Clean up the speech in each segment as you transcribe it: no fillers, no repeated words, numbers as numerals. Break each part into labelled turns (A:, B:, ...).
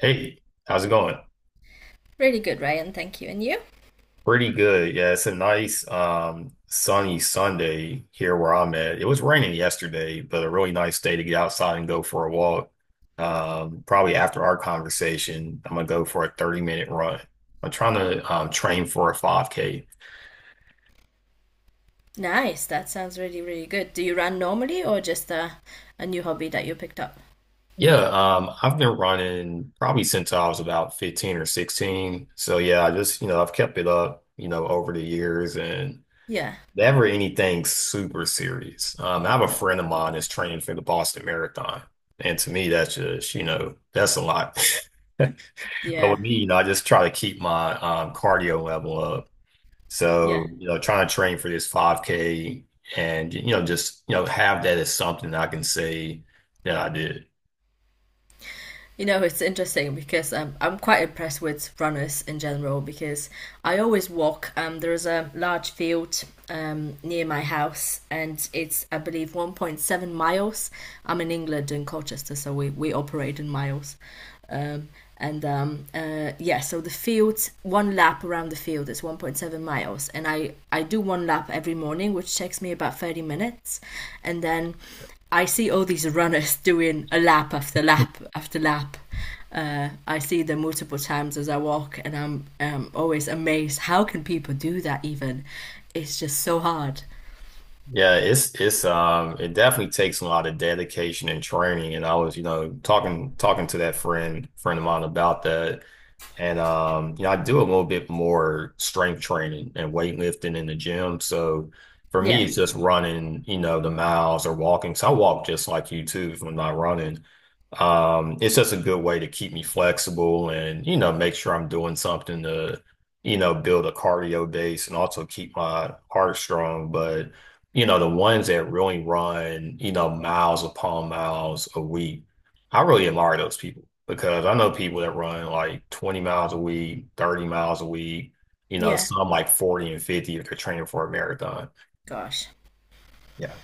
A: Hey, how's it going?
B: Really good, Ryan. Thank you. And you?
A: Pretty good. Yeah, it's a nice sunny Sunday here where I'm at. It was raining yesterday, but a really nice day to get outside and go for a walk. Probably after our conversation, I'm gonna go for a 30-minute run. I'm trying to train for a 5K.
B: Nice. That sounds really, really good. Do you run normally or just a new hobby that you picked up?
A: Yeah, I've been running probably since I was about 15 or 16. So yeah, I just, you know, I've kept it up, you know, over the years and
B: Yeah.
A: never anything super serious. I have a friend of mine that's training for the Boston Marathon. And to me, that's just, you know, that's a lot. But with
B: Yeah.
A: me, you know, I just try to keep my cardio level up.
B: Yeah.
A: So, you know, trying to train for this 5K and, you know, just, you know, have that as something I can say that I did.
B: You know, it's interesting because I'm quite impressed with runners in general because I always walk. There is a large field near my house and it's, I believe, 1.7 miles. I'm in England in Colchester, so we operate in miles. Um, and yeah, so the field, one lap around the field is 1.7 miles, and I do one lap every morning, which takes me about 30 minutes, and then I see all these runners doing a lap after lap after lap. I see them multiple times as I walk, and I'm always amazed. How can people do that? Even it's just so hard.
A: Yeah, it's it definitely takes a lot of dedication and training. And I was, you know, talking to that friend of mine about that. And you know, I do a little bit more strength training and weightlifting in the gym. So for me,
B: Yeah,
A: it's just running, you know, the miles or walking. So I walk just like you too if I'm not running. It's just a good way to keep me flexible and, you know, make sure I'm doing something to, you know, build a cardio base and also keep my heart strong. But you know, the ones that really run, you know, miles upon miles a week. I really admire those people because I know people that run like 20 miles a week, 30 miles a week, you know,
B: yeah.
A: some like 40 and 50 if they're training for a marathon.
B: Gosh.
A: Yeah.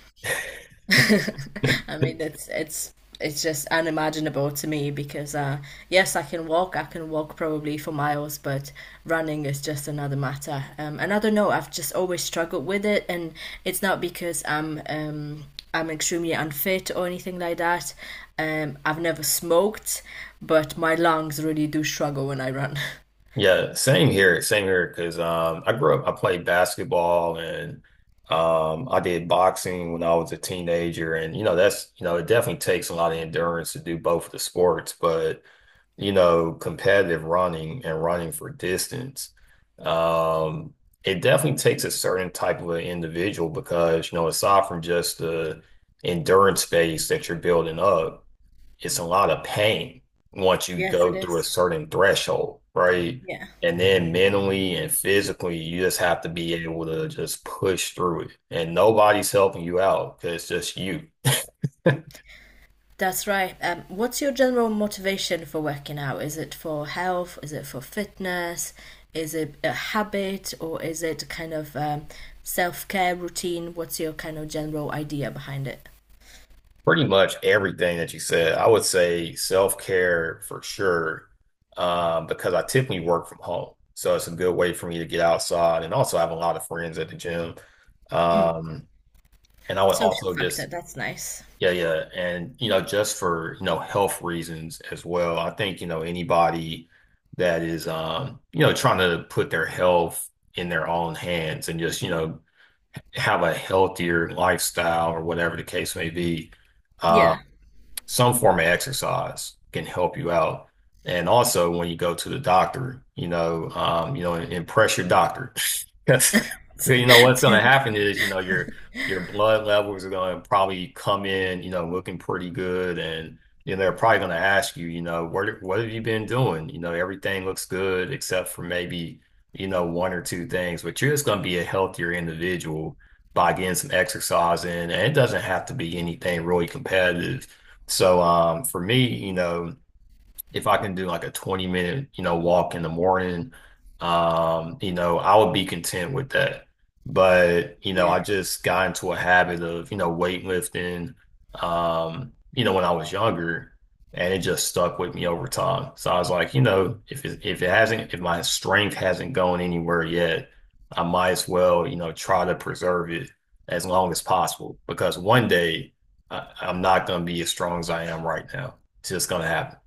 B: I mean, it's just unimaginable to me because yes, I can walk. I can walk probably for miles, but running is just another matter. And I don't know. I've just always struggled with it, and it's not because I'm extremely unfit or anything like that. I've never smoked, but my lungs really do struggle when I run.
A: Yeah, same here, same here. Because I grew up, I played basketball and I did boxing when I was a teenager, and you know that's you know it definitely takes a lot of endurance to do both of the sports. But you know, competitive running and running for distance, um, it definitely takes a certain type of an individual because, you know, aside from just the endurance base that you're building up, it's a lot of pain once you
B: Yes, it
A: go through a
B: is.
A: certain threshold, right?
B: Yeah.
A: And then mentally and physically, you just have to be able to just push through it. And nobody's helping you out because it's just you.
B: That's right. What's your general motivation for working out? Is it for health? Is it for fitness? Is it a habit or is it kind of self care routine? What's your kind of general idea behind it?
A: Pretty much everything that you said. I would say self-care for sure, because I typically work from home. So it's a good way for me to get outside and also I have a lot of friends at the gym. Um, and I would
B: Social
A: also
B: factor,
A: just,
B: that's nice.
A: yeah, yeah. And, you know, just for, you know, health reasons as well. I think, you know, anybody that is, you know, trying to put their health in their own hands and just, you know, have a healthier lifestyle or whatever the case may be
B: Yeah.
A: some form of exercise can help you out. And also when you go to the doctor, you know, impress your doctor. Because you know what's gonna happen is, you know, your blood levels are gonna probably come in, you know, looking pretty good and you know, they're probably gonna ask you, you know, what have you been doing? You know, everything looks good except for maybe, you know, one or two things, but you're just gonna be a healthier individual by getting some exercise in. And it doesn't have to be anything really competitive so for me, you know, if I can do like a 20 minute, you know, walk in the morning, you know, I would be content with that. But, you know,
B: yeah.
A: I just got into a habit of, you know, weightlifting, you know, when I was younger and it just stuck with me over time. So I was like, you know, if it hasn't, if my strength hasn't gone anywhere yet, I might as well, you know, try to preserve it as long as possible because one day I'm not going to be as strong as I am right now. It's just going to happen.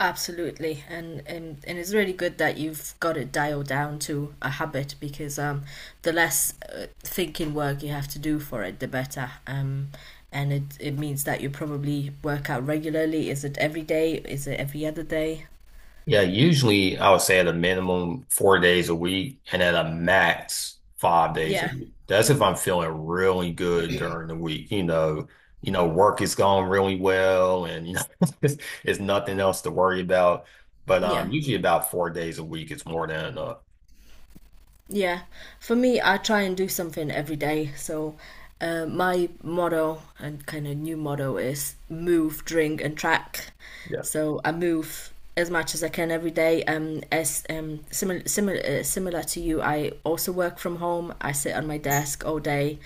B: Absolutely, and it's really good that you've got it dialed down to a habit because the less thinking work you have to do for it, the better. And it means that you probably work out regularly. Is it every day? Is it every other day?
A: Yeah, usually I would say at a minimum 4 days a week and at a max 5 days a
B: Yeah.
A: week. That's if I'm feeling really good during the week. You know, work is going really well and you know it's, it's nothing else to worry about. But
B: Yeah.
A: usually about 4 days a week is more than enough.
B: Yeah, for me, I try and do something every day. So, my motto and kind of new motto is move, drink, and track.
A: Yeah.
B: So I move as much as I can every day. As similar similar similar to you, I also work from home. I sit on my desk all day.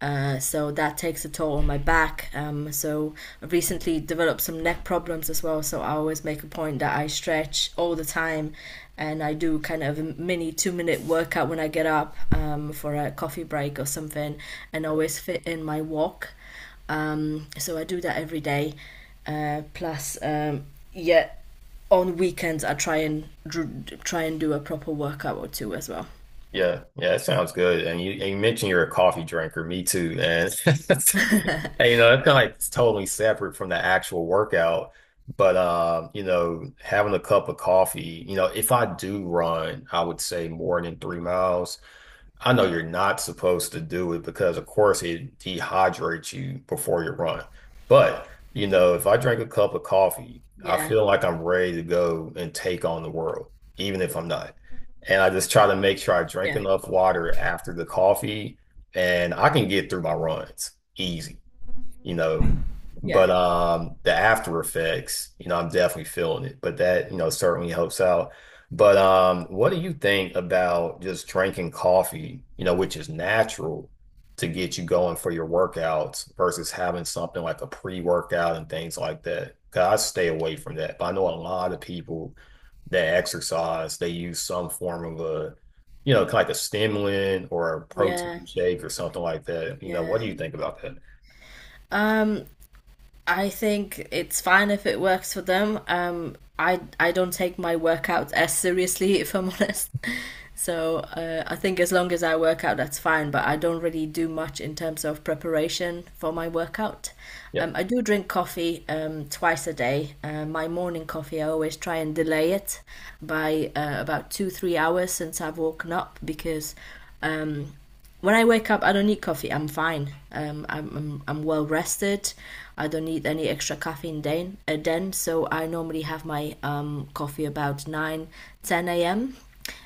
B: So that takes a toll on my back. So I've recently developed some neck problems as well. So I always make a point that I stretch all the time, and I do kind of a mini two-minute workout when I get up for a coffee break or something, and always fit in my walk. So I do that every day. Plus, yeah, on weekends I try and do a proper workout or two as well.
A: Yeah. Yeah, it sounds good. And you mentioned you're a coffee drinker, me too. And and, you know, that's kind of like totally separate from the actual workout. But you know, having a cup of coffee, you know, if I do run, I would say more than 3 miles. I know you're not supposed to do it because, of course, it dehydrates you before you run. But, you know, if I drink a cup of coffee, I
B: Yeah,
A: feel like I'm ready to go and take on the world, even if I'm not. And I just try to make sure I drink
B: yeah,
A: enough water after the coffee and I can get through my runs easy you know.
B: yeah,
A: But the after effects, you know, I'm definitely feeling it. But that, you know, certainly helps out. But what do you think about just drinking coffee, you know, which is natural to get you going for your workouts versus having something like a pre-workout and things like that? 'Cause I stay away from that. But I know a lot of people that exercise, they use some form of a, you know, like a stimulant or a
B: yeah,
A: protein shake or something like that. You know,
B: yeah.
A: what do you think about that?
B: Uh, I think it's fine if it works for them. I don't take my workout as seriously, if I'm honest. So I think as long as I work out, that's fine. But I don't really do much in terms of preparation for my workout.
A: Yeah,
B: I do drink coffee twice a day. My morning coffee, I always try and delay it by about two, 3 hours since I've woken up because um, when I wake up, I don't need coffee. I'm fine. I'm well rested. I don't need any extra caffeine then. Then so I normally have my coffee about 9, 10 a.m.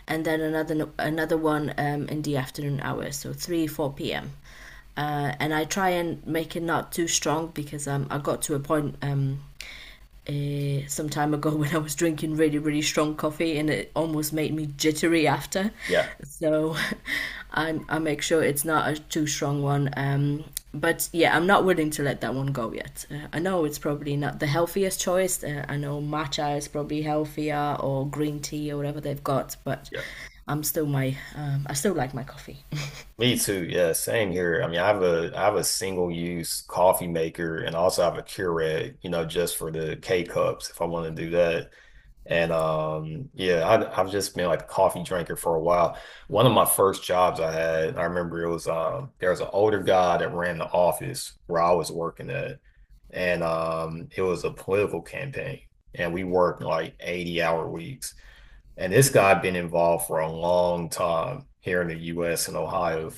B: and then another no, another one in the afternoon hours, so 3, 4 p.m. And I try and make it not too strong because I got to a point some time ago when I was drinking really, really strong coffee, and it almost made me jittery after.
A: yeah.
B: So I make sure it's not a too strong one. But yeah, I'm not willing to let that one go yet. I know it's probably not the healthiest choice. I know matcha is probably healthier or green tea or whatever they've got, but I still like my coffee.
A: Me too. Yeah, same here. I mean, I have a single use coffee maker and also I have a Keurig, you know, just for the K cups if I want to do that. And yeah, I've just been like a coffee drinker for a while. One of my first jobs I had, I remember it was there was an older guy that ran the office where I was working at, and it was a political campaign, and we worked like 80-hour weeks. And this guy had been involved for a long time here in the U.S. and Ohio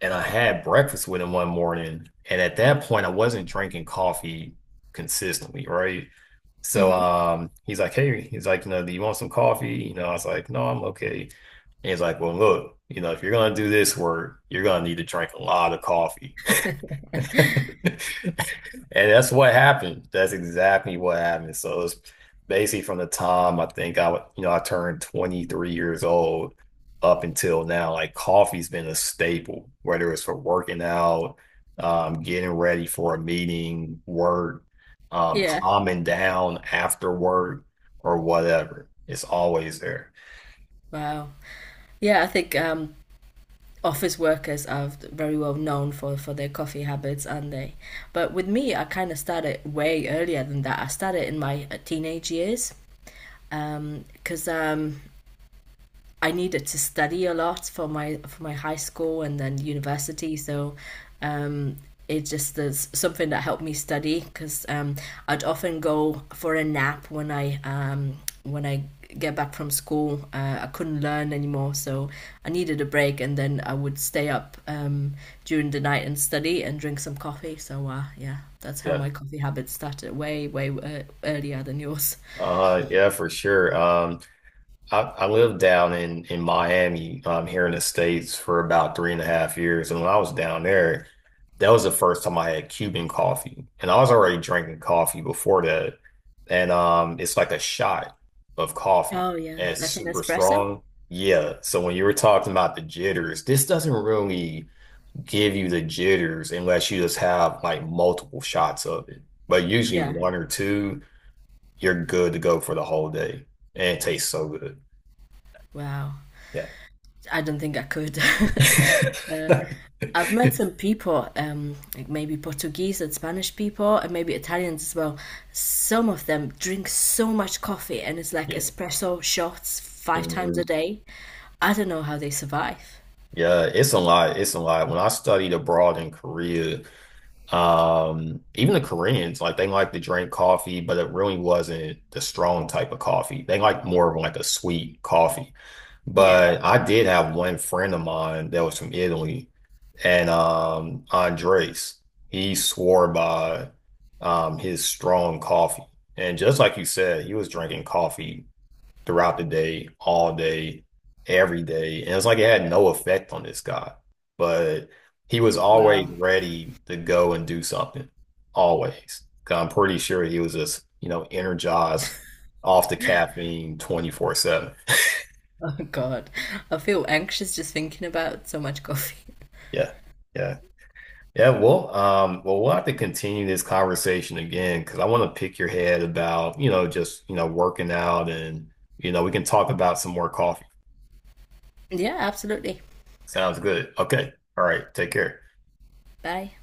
A: and I had breakfast with him one morning. And at that point, I wasn't drinking coffee consistently, right? So
B: Hmm.
A: he's like, hey, he's like, you know, do you want some coffee? You know, I was like, no, I'm okay. And he's like, well, look, you know, if you're gonna do this work, you're gonna need to drink a lot of coffee. And that's what happened. That's exactly what happened. So it's basically from the time I think I would, you know, I turned 23 years old up until now, like coffee's been a staple, whether it's for working out, getting ready for a meeting, work,
B: Yeah.
A: calming down after work or whatever. It's always there.
B: Wow. Yeah, I think office workers are very well known for their coffee habits, aren't they? But with me, I kind of started way earlier than that. I started in my teenage years because I needed to study a lot for my high school and then university. So, um, it just is something that helped me study because I'd often go for a nap when I when I get back from school. I couldn't learn anymore, so I needed a break, and then I would stay up during the night and study and drink some coffee. So yeah, that's how
A: Yeah.
B: my coffee habit started way earlier than yours.
A: Yeah, for sure. I lived down in Miami, here in the States for about three and a half years, and when I was down there, that was the first time I had Cuban coffee, and I was already drinking coffee before that, and it's like a shot of coffee,
B: Oh yeah,
A: and it's
B: like an
A: super
B: espresso.
A: strong. Yeah, so when you were talking about the jitters, this doesn't really give you the jitters unless you just have like multiple shots of it, but usually
B: Yeah.
A: one or two, you're good to go for the whole day, and it tastes so good.
B: Wow.
A: Yeah.
B: I don't think I could. uh, I've met some people, like maybe Portuguese and Spanish people, and maybe Italians as well. Some of them drink so much coffee, and it's like
A: Yeah.
B: espresso shots five times a
A: Mhm.
B: day. I don't know how they survive.
A: Yeah, it's a lot. It's a lot. When I studied abroad in Korea, even the Koreans, like they like to drink coffee, but it really wasn't the strong type of coffee. They like more of like a sweet coffee.
B: Yeah.
A: But I did have one friend of mine that was from Italy, and Andres, he swore by his strong coffee. And just like you said, he was drinking coffee throughout the day, all day, every day. And it's like it had no effect on this guy, but he was
B: Wow.
A: always ready to go and do something, always. 'Cause I'm pretty sure he was just, you know, energized off the caffeine 24/7.
B: Oh God. I feel anxious just thinking about so much coffee.
A: Yeah. Yeah. Yeah, well, we'll have to continue this conversation again because I want to pick your head about, you know, just, you know, working out and, you know, we can talk about some more coffee.
B: Yeah, absolutely.
A: Sounds good. Okay. All right. Take care.
B: Bye.